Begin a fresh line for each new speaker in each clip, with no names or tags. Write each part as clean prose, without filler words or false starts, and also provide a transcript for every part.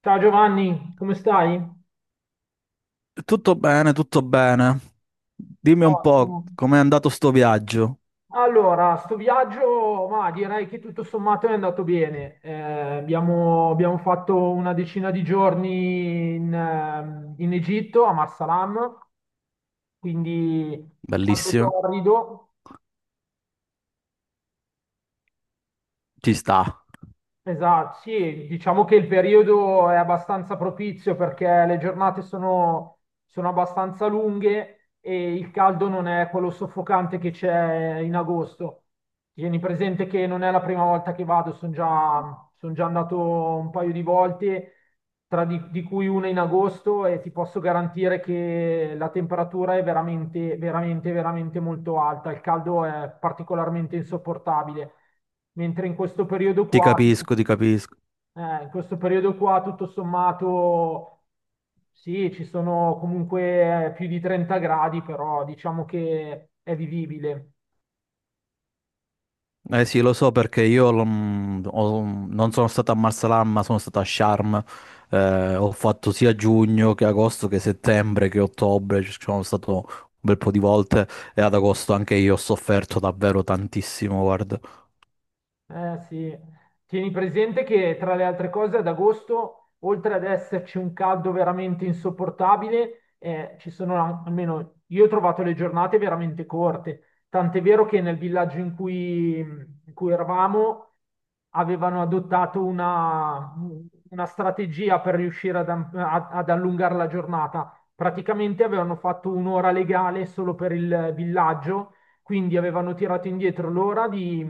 Ciao Giovanni, come stai?
Tutto bene, tutto bene. Dimmi un po'
Ottimo.
com'è andato sto viaggio.
Allora, sto viaggio, ma direi che tutto sommato è andato bene. Abbiamo fatto una decina di giorni in Egitto, a Marsalam, quindi caldo
Bellissimo.
torrido.
Ci sta.
Esatto, sì, diciamo che il periodo è abbastanza propizio perché le giornate sono abbastanza lunghe e il caldo non è quello soffocante che c'è in agosto. Tieni presente che non è la prima volta che vado, son già andato un paio di volte di cui una in agosto e ti posso garantire che la temperatura è veramente molto alta, il caldo è particolarmente insopportabile, mentre in questo periodo
Ti
qua,
capisco, ti capisco.
in questo periodo qua tutto sommato sì, ci sono comunque più di 30 gradi, però diciamo che è vivibile.
Eh sì, lo so perché io non sono stato a Marsalam, ma sono stato a Sharm. Ho fatto sia giugno che agosto che settembre che ottobre. Ci sono stato un bel po' di volte e ad agosto anche io ho sofferto davvero tantissimo, guarda.
Eh sì, tieni presente che tra le altre cose ad agosto, oltre ad esserci un caldo veramente insopportabile, almeno io ho trovato le giornate veramente corte. Tant'è vero che nel villaggio in cui eravamo avevano una strategia per riuscire ad allungare la giornata. Praticamente avevano fatto un'ora legale solo per il villaggio, quindi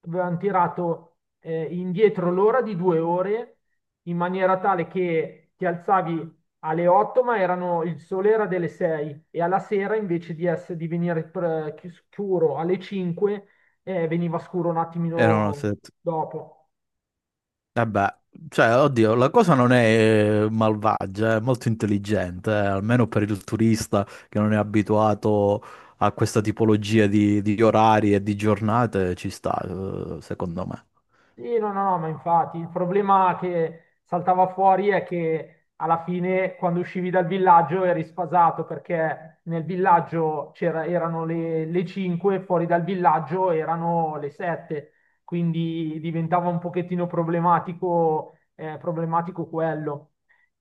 avevano tirato indietro l'ora di due ore in maniera tale che ti alzavi alle 8, il sole era delle 6 e alla sera di venire scuro alle 5, veniva scuro un
Erano
attimino
set-
dopo.
Vabbè, cioè, oddio, la cosa non è malvagia, è molto intelligente, almeno per il turista che non è abituato a questa tipologia di orari e di giornate, ci sta, secondo me.
Sì, no, no, no, ma infatti il problema che saltava fuori è che alla fine quando uscivi dal villaggio eri sfasato perché nel villaggio le 5, fuori dal villaggio erano le 7, quindi diventava un pochettino problematico quello.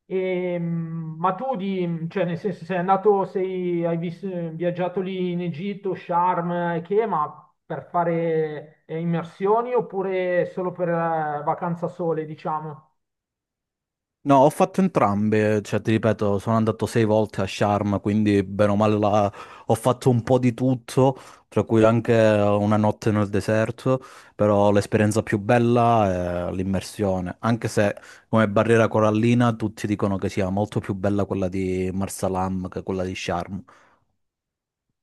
Ma tu, cioè, nel senso, viaggiato lì in Egitto, Sharm, e che, ma per fare immersioni oppure solo per vacanza sole, diciamo?
No, ho fatto entrambe, cioè ti ripeto, sono andato sei volte a Sharm, quindi bene o male la- ho fatto un po' di tutto, tra cui anche una notte nel deserto, però l'esperienza più bella è l'immersione, anche se come barriera corallina tutti dicono che sia molto più bella quella di Marsalam che quella di Sharm.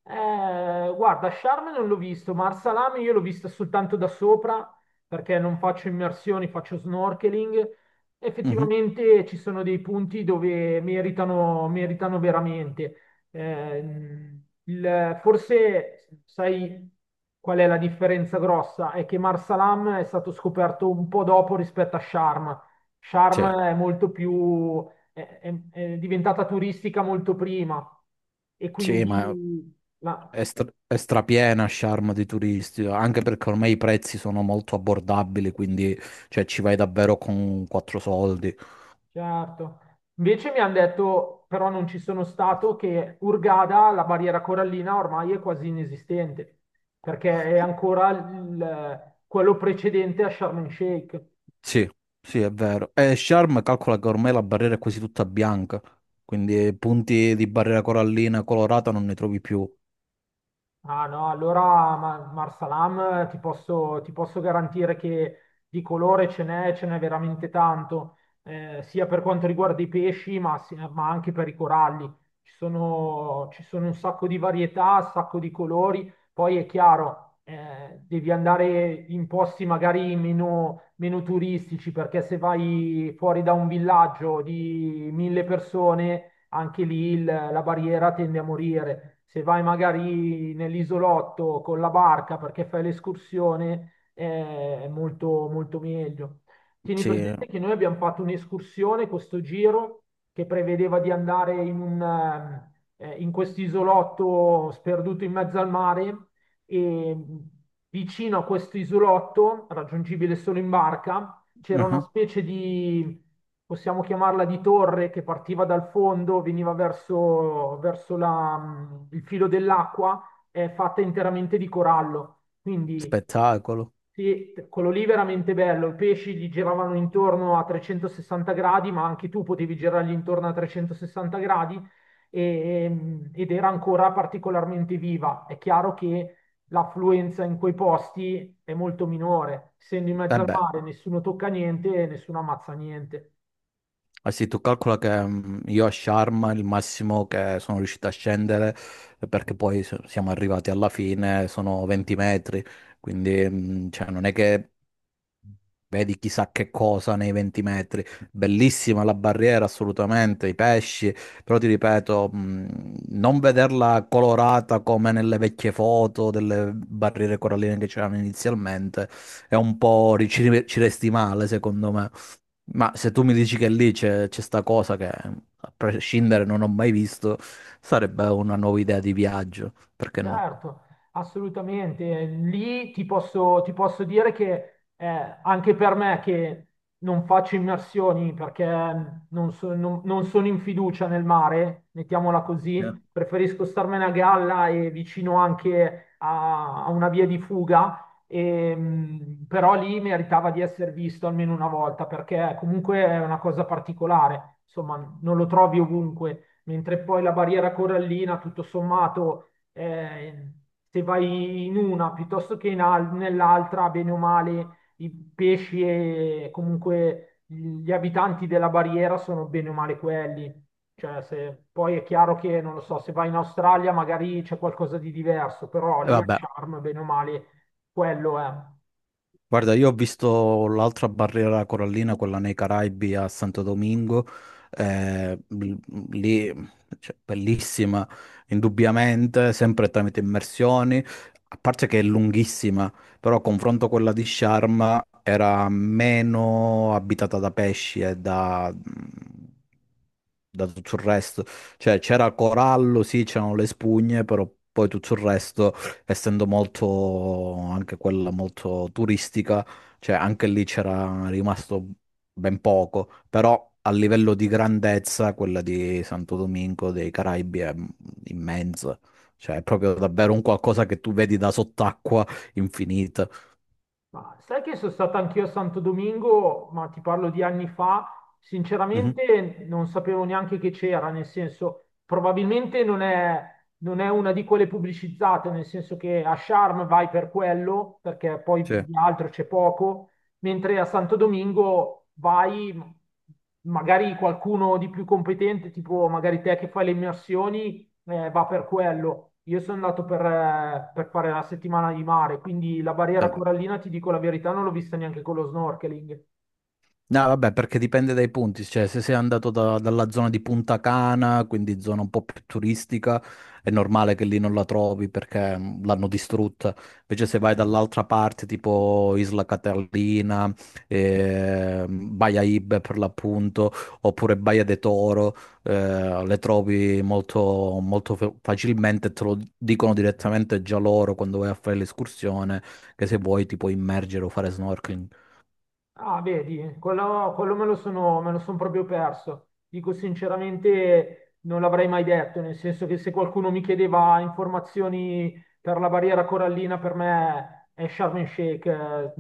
Guarda, Charme non l'ho visto, ma Arsalame io l'ho vista soltanto da sopra perché non faccio immersioni, faccio snorkeling.
Mhm.
Effettivamente ci sono dei punti dove meritano veramente. Eh, forse sai qual è la differenza grossa? È che Marsalam è stato scoperto un po' dopo rispetto a Sharm.
Sì,
Sharm è molto più, è diventata turistica molto prima e
sì, ma
quindi la-
è, stra- è strapiena Sharm di turisti, anche perché ormai i prezzi sono molto abbordabili, quindi cioè, ci vai davvero con quattro soldi.
certo. Invece mi hanno detto, però non ci sono stato, che Hurghada, la barriera corallina ormai è quasi inesistente, perché è ancora quello precedente a Sharm el Sheikh.
Sì, sì, è vero. E Sharm calcola che ormai la barriera è quasi tutta bianca, quindi punti di barriera corallina colorata non ne trovi più.
Ah no, allora Marsalam ti posso garantire che di colore ce n'è veramente tanto, sia per quanto riguarda i pesci, ma anche per i coralli. Ci sono un sacco di varietà, un sacco di colori. Poi è chiaro, devi andare in posti meno turistici, perché se vai fuori da un villaggio di mille persone anche lì la barriera tende a morire. Se vai magari nell'isolotto con la barca perché fai l'escursione, è molto meglio. Tieni
Sì,
presente che noi abbiamo fatto un'escursione, questo giro, che prevedeva di andare in questo isolotto sperduto in mezzo al mare e vicino a questo isolotto, raggiungibile solo in barca, c'era una
uh-huh.
possiamo chiamarla di torre, che partiva dal fondo, veniva verso il filo dell'acqua, è fatta interamente di corallo. Quindi
Spettacolo.
sì, quello lì veramente bello, i pesci gli giravano intorno a 360 gradi, ma anche tu potevi girargli intorno a 360 gradi ed era ancora particolarmente viva. È chiaro che l'affluenza in quei posti è molto minore, essendo in
E
mezzo al
beh,
mare, nessuno tocca niente e nessuno ammazza niente.
eh sì, tu calcola che io a Sharm il massimo che sono riuscito a scendere, perché poi siamo arrivati alla fine, sono 20 metri, quindi cioè, non è che vedi chissà che cosa nei 20 metri. Bellissima la barriera, assolutamente, i pesci, però ti ripeto, non vederla colorata come nelle vecchie foto delle barriere coralline che c'erano inizialmente è un po' ci resti male, secondo me. Ma se tu mi dici che lì c'è sta cosa che a prescindere non ho mai visto, sarebbe una nuova idea di viaggio, perché no?
Certo, assolutamente. Lì ti posso dire che anche per me che non faccio immersioni perché mm, non, non sono in fiducia nel mare, mettiamola
Eh.
così, preferisco starmene a galla e vicino anche a una via di fuga, e, però lì meritava di essere visto almeno una volta perché comunque è una cosa particolare, insomma non lo trovi ovunque, mentre poi la barriera corallina tutto sommato eh, se vai in una piuttosto che nell'altra, bene o male, i pesci e comunque gli abitanti della barriera sono bene o male quelli. Cioè, se, poi è chiaro che, non lo so, se vai in Australia magari c'è qualcosa di diverso, però
E
lì a
vabbè,
Charm, bene o male, quello è.
guarda, io ho visto l'altra barriera corallina, quella nei Caraibi a Santo Domingo, eh, l- lì, cioè, bellissima, indubbiamente, sempre tramite immersioni, a parte che è lunghissima, però a confronto a quella di Sharm era meno abitata da pesci e da da tutto il resto. Cioè c'era corallo, sì, c'erano le spugne, però poi tutto il resto essendo molto anche quella molto turistica, cioè anche lì c'era rimasto ben poco, però a livello di grandezza quella di Santo Domingo dei Caraibi è immensa, cioè è proprio davvero un qualcosa che tu vedi da sott'acqua infinita.
Ma sai che sono stato anch'io a Santo Domingo, ma ti parlo di anni fa,
Mhm.
sinceramente non sapevo neanche che c'era, nel senso, probabilmente non è una di quelle pubblicizzate, nel senso che a Sharm vai per quello, perché poi
Sì.
di altro c'è poco, mentre a Santo Domingo vai, magari qualcuno di più competente, tipo magari te che fai le immersioni va per quello. Io sono andato per fare la settimana di mare, quindi la barriera
Eh,
corallina, ti dico la verità, non l'ho vista neanche con lo snorkeling.
no, vabbè, perché dipende dai punti, cioè se sei andato dalla zona di Punta Cana, quindi zona un po' più turistica, è normale che lì non la trovi perché l'hanno distrutta. Invece se vai dall'altra parte, tipo Isla Catalina, Baia Ibe per l'appunto, oppure Baia de Toro, le trovi molto, facilmente, te lo dicono direttamente già loro quando vai a fare l'escursione, che se vuoi ti puoi immergere o fare snorkeling.
Ah, vedi, quello, me lo son proprio perso. Dico sinceramente, non l'avrei mai detto, nel senso che se qualcuno mi chiedeva informazioni per la barriera corallina, per me è Sharm el Sheikh. Eh,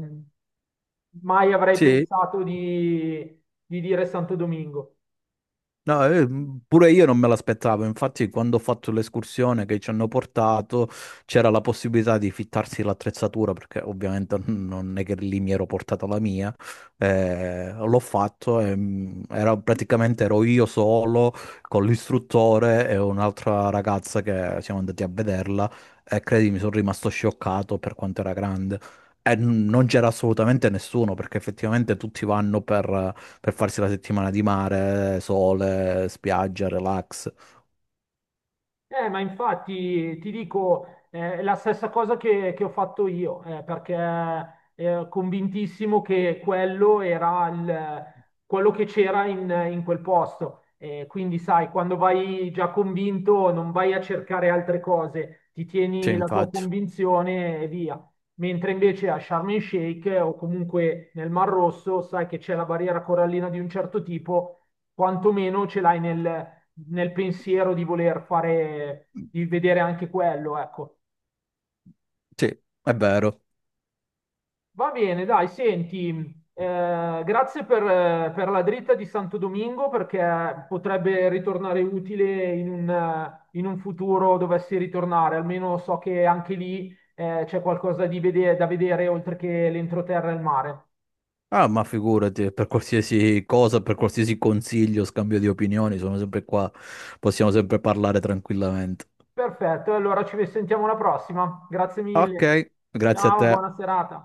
mai avrei pensato di dire Santo Domingo.
No, pure io non me l'aspettavo, infatti quando ho fatto l'escursione che ci hanno portato c'era la possibilità di fittarsi l'attrezzatura perché ovviamente non è che lì mi ero portata la mia, l'ho fatto e praticamente ero io solo con l'istruttore e un'altra ragazza che siamo andati a vederla e credimi sono rimasto scioccato per quanto era grande e non c'era assolutamente nessuno perché effettivamente tutti vanno per farsi la settimana di mare, sole, spiaggia, relax.
Ma infatti ti dico è la stessa cosa che ho fatto io, perché ero convintissimo che quello era quello che c'era in quel posto. Quindi, sai, quando vai già convinto, non vai a cercare altre cose, ti
Sì,
tieni la tua
infatti.
convinzione e via. Mentre invece a Sharm el Sheikh o comunque nel Mar Rosso, sai che c'è la barriera corallina di un certo tipo, quantomeno ce l'hai nel pensiero di voler fare, di vedere anche quello, ecco.
Sì, è vero.
Va bene, dai, senti, grazie per la dritta di Santo Domingo perché potrebbe ritornare utile in un futuro dovessi ritornare, almeno so che anche lì c'è qualcosa di da vedere oltre che l'entroterra e il mare.
Ah, ma figurati, per qualsiasi cosa, per qualsiasi consiglio, scambio di opinioni, sono sempre qua. Possiamo sempre parlare tranquillamente.
Perfetto, allora ci sentiamo alla prossima. Grazie
Ok,
mille.
grazie a
Ciao,
te.
buona serata.